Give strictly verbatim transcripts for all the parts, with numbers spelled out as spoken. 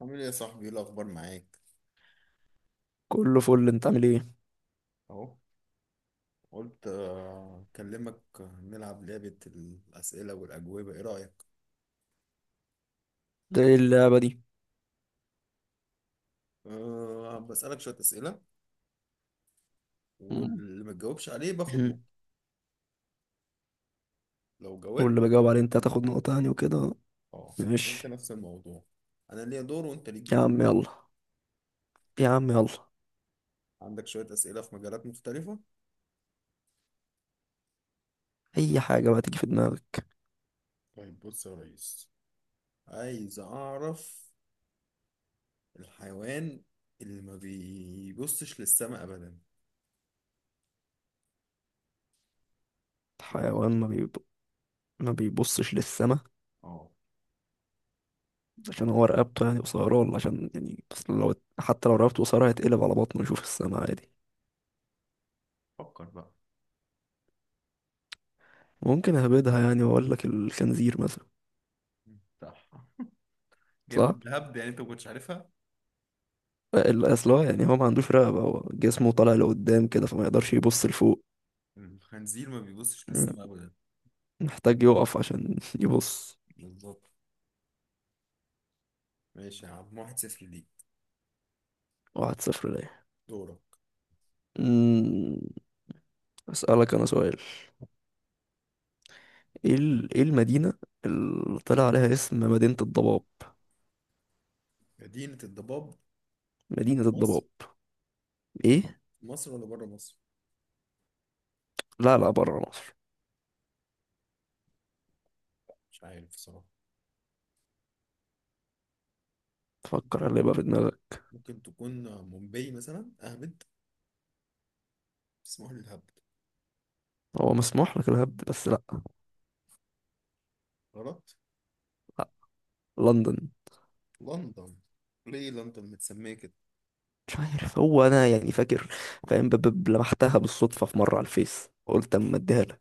عامل ايه يا صاحبي؟ ايه الاخبار معاك؟ كله فل، انت عامل ايه؟ اهو. قلت آه، اكلمك، آه، نلعب لعبة الاسئلة والاجوبة، ايه رأيك؟ ده ايه اللعبة دي؟ أه بسألك شوية اسئلة، مم. واللي ما تجاوبش عليه باخد نقطة. لو جاوبت واللي بجاوب تاخد عليه انت انت هتاخد النقطة. نقطة يعني وكده. اه. وانت ماشي. نفس الموضوع، انا ليا دور وانت ليك يا دور. عم يلا. يا عم يلا. عندك شوية اسئلة في مجالات مختلفة. اي حاجة بقى تيجي في دماغك. طيب بص يا ريس، عايز اعرف الحيوان اللي ما بيبصش للسماء ابدا. ايه رأيك؟ حيوان ما بيب... ما بيبصش للسما؟ اه. عشان هو رقبته يعني قصيرة، ولا عشان يعني اصل لو، حتى لو رقبته قصيرة هيتقلب على بطنه يشوف السما عادي. فكر بقى. ممكن اهبدها يعني واقول لك الخنزير مثلا. صح. جايبهم صح. بهبد يعني، انت ما كنتش عارفها. ال- اصل هو يعني هو ما عندوش رقبة، هو جسمه طالع لقدام كده، فما يقدرش يبص لفوق. الخنزير ما بيبصش مم. للسماء ابدا. محتاج يقف عشان يبص. بالظبط. ماشي يا عم، واحد صفر ليك. واحد صفر ليا. دورك. أمم، أسألك أنا سؤال. إيه ال- إيه المدينة اللي طلع عليها اسم مدينة الضباب؟ مدينة الضباب، مدينة مصر؟ الضباب. إيه؟ مصر ولا بره مصر؟ لا لا، برا مصر. مش عارف صراحة. تفكر اللي يبقى في دماغك. ممكن تكون مومباي مثلا، اهبد، اسمها لي الهبد. هو مسموح لك الهبد، بس لأ. غلط. لأ. لندن. لندن؟ ليه لندن متسمية كده؟ مش عارف، هو أنا يعني فاكر، فاهم ب- ب- لمحتها بالصدفة في مرة على الفيس، قلت أما أديها لك.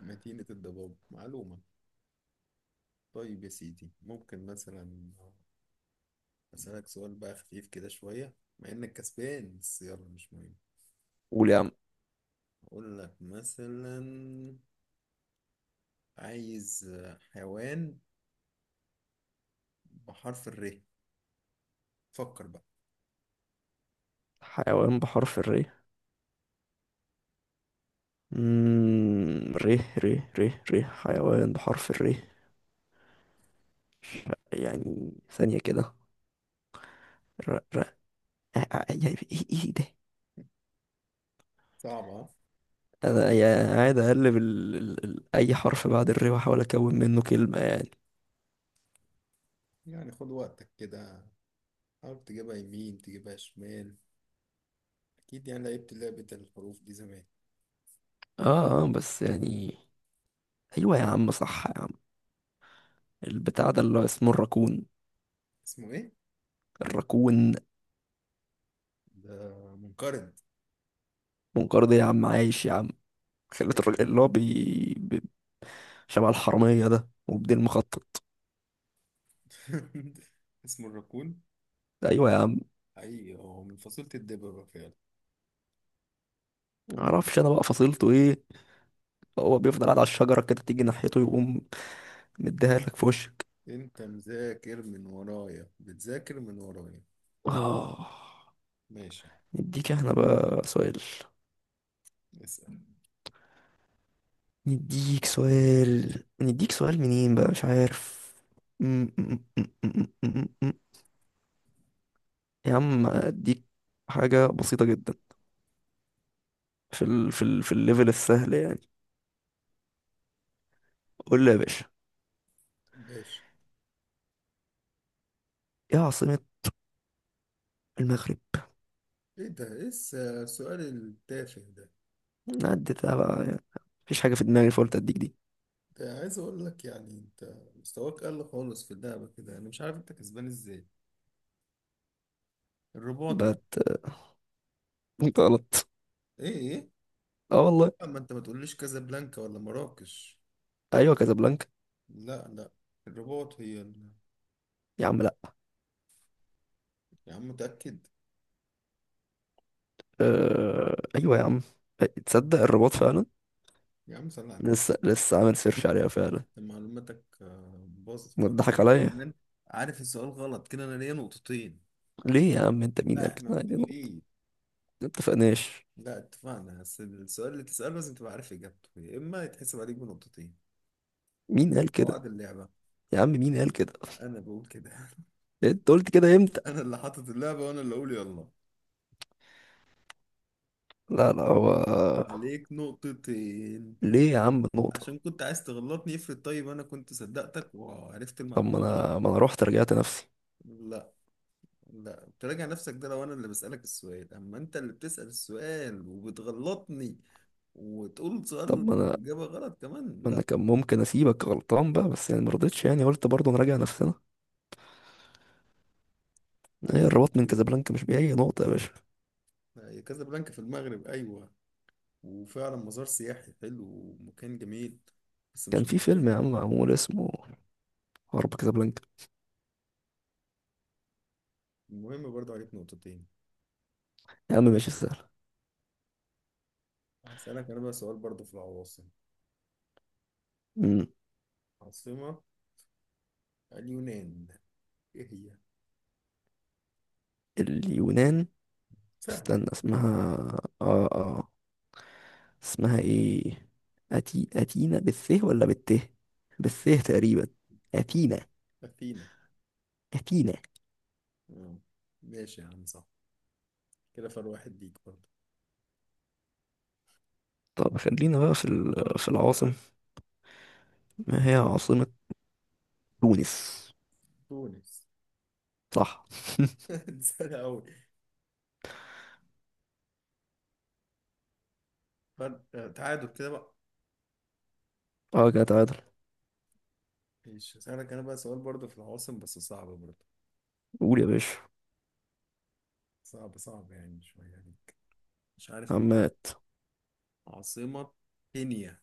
مدينة الضباب، معلومة. طيب يا سيدي، ممكن مثلا أسألك سؤال بقى خفيف كده شوية، مع إنك كسبان بس يلا، مش مهم. قول يا عم. أقول لك مثلا، عايز آه، حيوان بحرف الر. فكر بقى. حيوان بحرف الري؟ مم... ري ري ري ري، حيوان بحرف الري. يعني ثانية كده. ع- يعني ايه ايه ده. صعبة ها؟ انا يعني قاعد اقلب ال... ال... ال... اي حرف بعد الري واحاول اكون منه كلمه يعني. يعني خد وقتك كده، حاول تجيبها يمين تجيبها شمال. أكيد يعني لعبت لعبة الحروف دي زمان. اه اه، بس يعني، ايوه يا عم، صح يا عم، البتاع ده اللي هو اسمه الراكون. اسمه إيه؟ الراكون. ده منقرض. منقار ده يا عم، عايش يا عم. خلت الراجل اللي هو بي... بي... شبه الحراميه ده، وبدين مخطط. اسمه الراكون؟ ايوه يا عم. حقيقي هو من فصيلة الدببة فعلا. معرفش انا بقى فصيلته ايه. هو بيفضل قاعد على الشجره كده، تيجي ناحيته يقوم مديها لك في وشك. أنت مذاكر من ورايا، بتذاكر من ورايا. اه. ماشي. نديك احنا بقى سؤال. اسأل. نديك سؤال، نديك سؤال منين بقى مش عارف. م- م- م- م- م- م- م. يا عم اديك حاجة بسيطة جدا، في ال... في ال... في الليفل السهل يعني. قول لي يا باشا. ماشي. ايه عاصمة المغرب؟ إيه ده؟ إيه الس- السؤال التافه ده؟ عدتها بقى يعني، مفيش حاجة في دماغي فقلت اديك دي. ده عايز اقول لك يعني انت مستواك قل خالص في اللعبه كده، انا مش عارف انت كسبان ازاي. الرباط يعني. بت. انت غلط. ايه؟ ايه؟ اه والله. اما انت ما تقوليش كازابلانكا ولا مراكش. ايوه، كازابلانكا. لا لا، الرباط هي ال... يا عم لا. يا عم متاكد. أه... ايوه يا عم. آه، تصدق الرباط فعلا. يا عم صل على النبي. لسه لسه عامل سيرش عليها فعلا. أنت معلوماتك آه، باظت ما تضحك فتره عليا. كمان. عارف السؤال غلط كده، انا ليا نقطتين. ليه يا عم؟ انت مين لا قال احنا كده؟ عادي، ما متفقين. اتفقناش. لا اتفقنا، بس السؤال اللي تساله لازم تبقى عارف اجابته، يا اما يتحسب عليك بنقطتين. مين من قال كده؟ قواعد اللعبه. يا عم مين قال كده؟ انا بقول كده. انت قلت كده امتى؟ انا اللي حاطط اللعبة وانا اللي اقول. يلا، لا لا هو. عليك نقطتين. ليه يا عم النقطة؟ عشان كنت عايز تغلطني. افرض طيب انا كنت صدقتك وعرفت طب ما المعلومة غلط. انا، ما انا رحت رجعت نفسي. لا. لا تراجع نفسك، ده لو انا اللي بسألك السؤال، اما انت اللي بتسأل السؤال وبتغلطني وتقول سؤال طب ما انا، الإجابة غلط كمان، ما انا لا. كان ممكن اسيبك غلطان بقى، بس يعني ما رضيتش، يعني قلت برضه نراجع نفسنا. ايه عليك الرباط من نقطتين بقى. كازابلانكا، مش بأي نقطة يا باشا. هي كازابلانكا في المغرب ايوه، وفعلا مزار سياحي حلو ومكان جميل، بس كان مش في فيلم يا العاصمة. عم معمول اسمه حرب كازابلانكا. المهم برضه عليك نقطتين. يا عم ماشي سهل. هسألك انا بقى سؤال برضه في العواصم. مم. عاصمة اليونان ايه هي؟ اليونان. سهلة. استنى اسمها. اه اه. اسمها ايه؟ أتي... أتينا بالث ولا بالت؟ بالث تقريبا. هي أتينا. أثينا. أثينا. آه. ماشي يا عم، صح. كده فرق واحد ليك برضه. طب خلينا بقى في ال- في العاصم. ما هي عاصمة تونس. تونس. صح. سهلة أوي. فرق، آه، تعادل كده بقى. اه كده تعادل. ماشي، هسألك أنا بقى سؤال برضه في العواصم بس صعب برضه. قول يا باشا. صعب صعب يعني شوية عليك، مش عارف أكتر. عمات. عاصمة كينيا.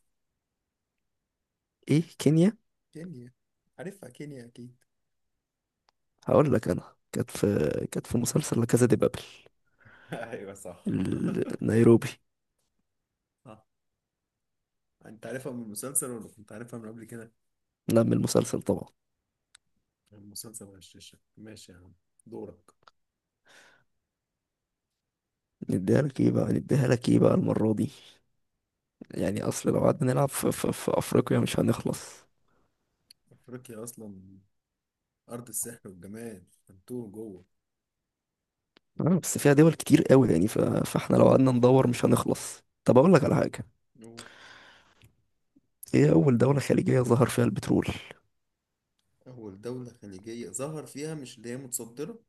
ايه كينيا. كينيا. عارفها كينيا أكيد. هقول لك انا، كانت في كانت في مسلسل لا كازا دي بابل، ايوه صح. ال- نيروبي. صح. انت عارفها من المسلسل ولا كنت عارفها من قبل كده؟ نعمل المسلسل طبعا. المسلسل غششك، ماشي يا عم. دورك. نديها لك ايه بقى، نديها لك ايه بقى المرة دي. يعني اصل لو قعدنا نلعب في, في, في افريقيا مش هنخلص. افريقيا اصلا أرض السحر والجمال، هنتوه جوه. آه بس فيها دول كتير قوي، يعني ف... فاحنا لو قعدنا ندور مش هنخلص. طب اقول لك على حاجة. أوه. ايه اول دولة خليجية ظهر فيها البترول؟ أول دولة خليجية ظهر فيها، مش اللي هي متصدرة.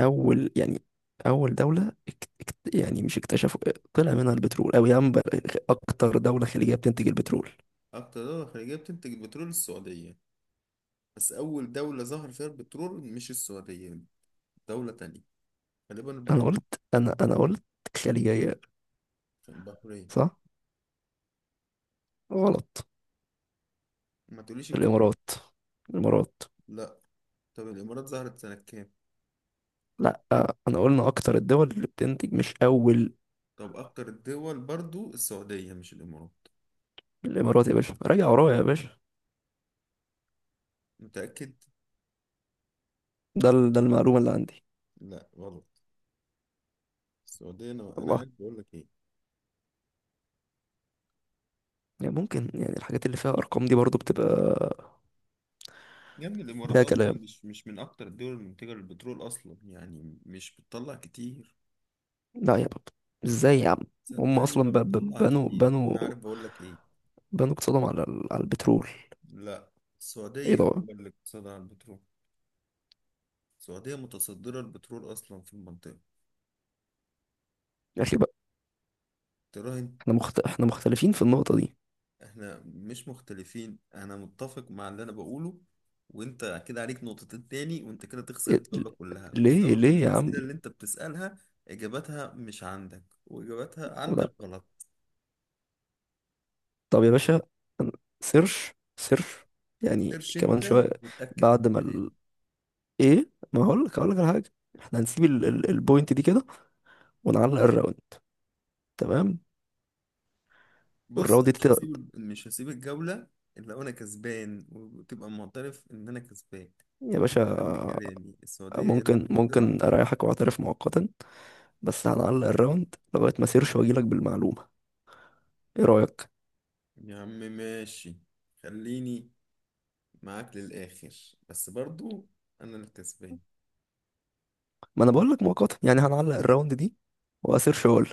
اول يعني، اول دوله اكت... اكت- يعني مش اكتشفوا، طلع منها البترول او يعني اكتر دوله خليجيه بتنتج البترول. أكتر دولة خليجية بتنتج البترول السعودية، بس أول دولة ظهر فيها البترول مش السعودية، دولة تانية. غالبا انا البحر... قلت انا انا قلت خليجيه. البحرين. صح. غلط. ما تقوليش الكويت. الامارات. الامارات. لا. طب الإمارات ظهرت سنة كام؟ لا آه، انا قلنا اكتر الدول اللي بتنتج مش اول. طب أكتر الدول برضو السعودية مش الإمارات. الامارات يا باشا، راجع ورايا يا باشا. متأكد؟ ده ال... ده المعلومه اللي عندي. لا غلط. السعودية. أنا أنا الله. عارف بقول لك إيه. يعني ممكن، يعني الحاجات اللي فيها ارقام دي برضو بتبقى يا ابني الامارات فيها اصلا كلام. مش مش من اكتر الدول المنتجه للبترول اصلا، يعني مش بتطلع كتير. لا يا بابا، ازاي يا عم؟ هم صدقني ما اصلا ب- ب- بتطلع بنوا كتير، بنوا انا عارف بقول لك ايه. بنوا اقتصادهم على ال- على البترول. لا. ايه السعوديه ده؟ هو اللي اقتصادها على البترول. السعوديه متصدره البترول اصلا في المنطقه. يا اخي بقى. تراهن. احنا مخت... احنا مختلفين في النقطة دي. احنا مش مختلفين، انا متفق مع اللي انا بقوله. وانت كده عليك نقطتين تاني، وانت كده تخسر إيه... ل- الدوله كلها ليه بسبب ليه يا عم؟ الاسئله اللي انت بتسالها. اجاباتها مش عندك، واجاباتها لا. عندك غلط. طب يا باشا، أنا- سيرش سيرش يعني سيرش كمان انت شوية. وتأكد بعد من ما كلامي. ال... ايه، ما هقول لك هقول لك على حاجة. احنا هنسيب ال... ال... البوينت دي كده ونعلق الراوند. تمام. بص والراوند انا دي مش تت- هسيب مش هسيب الجولة الا وانا كسبان، وتبقى معترف ان انا كسبان. يا باشا، ده عندي كلامي، السعودية هي اللي ممكن متصدرة. ممكن اريحك واعترف مؤقتا، بس هنعلق الراوند لغاية ما سيرش واجيلك بالمعلومة. ايه رأيك؟ يا عم ماشي، خليني معاك للاخر، بس برضو انا اللي كسبان. ما انا بقول لك مؤقتا، يعني هنعلق الراوند دي واسيرش اقول.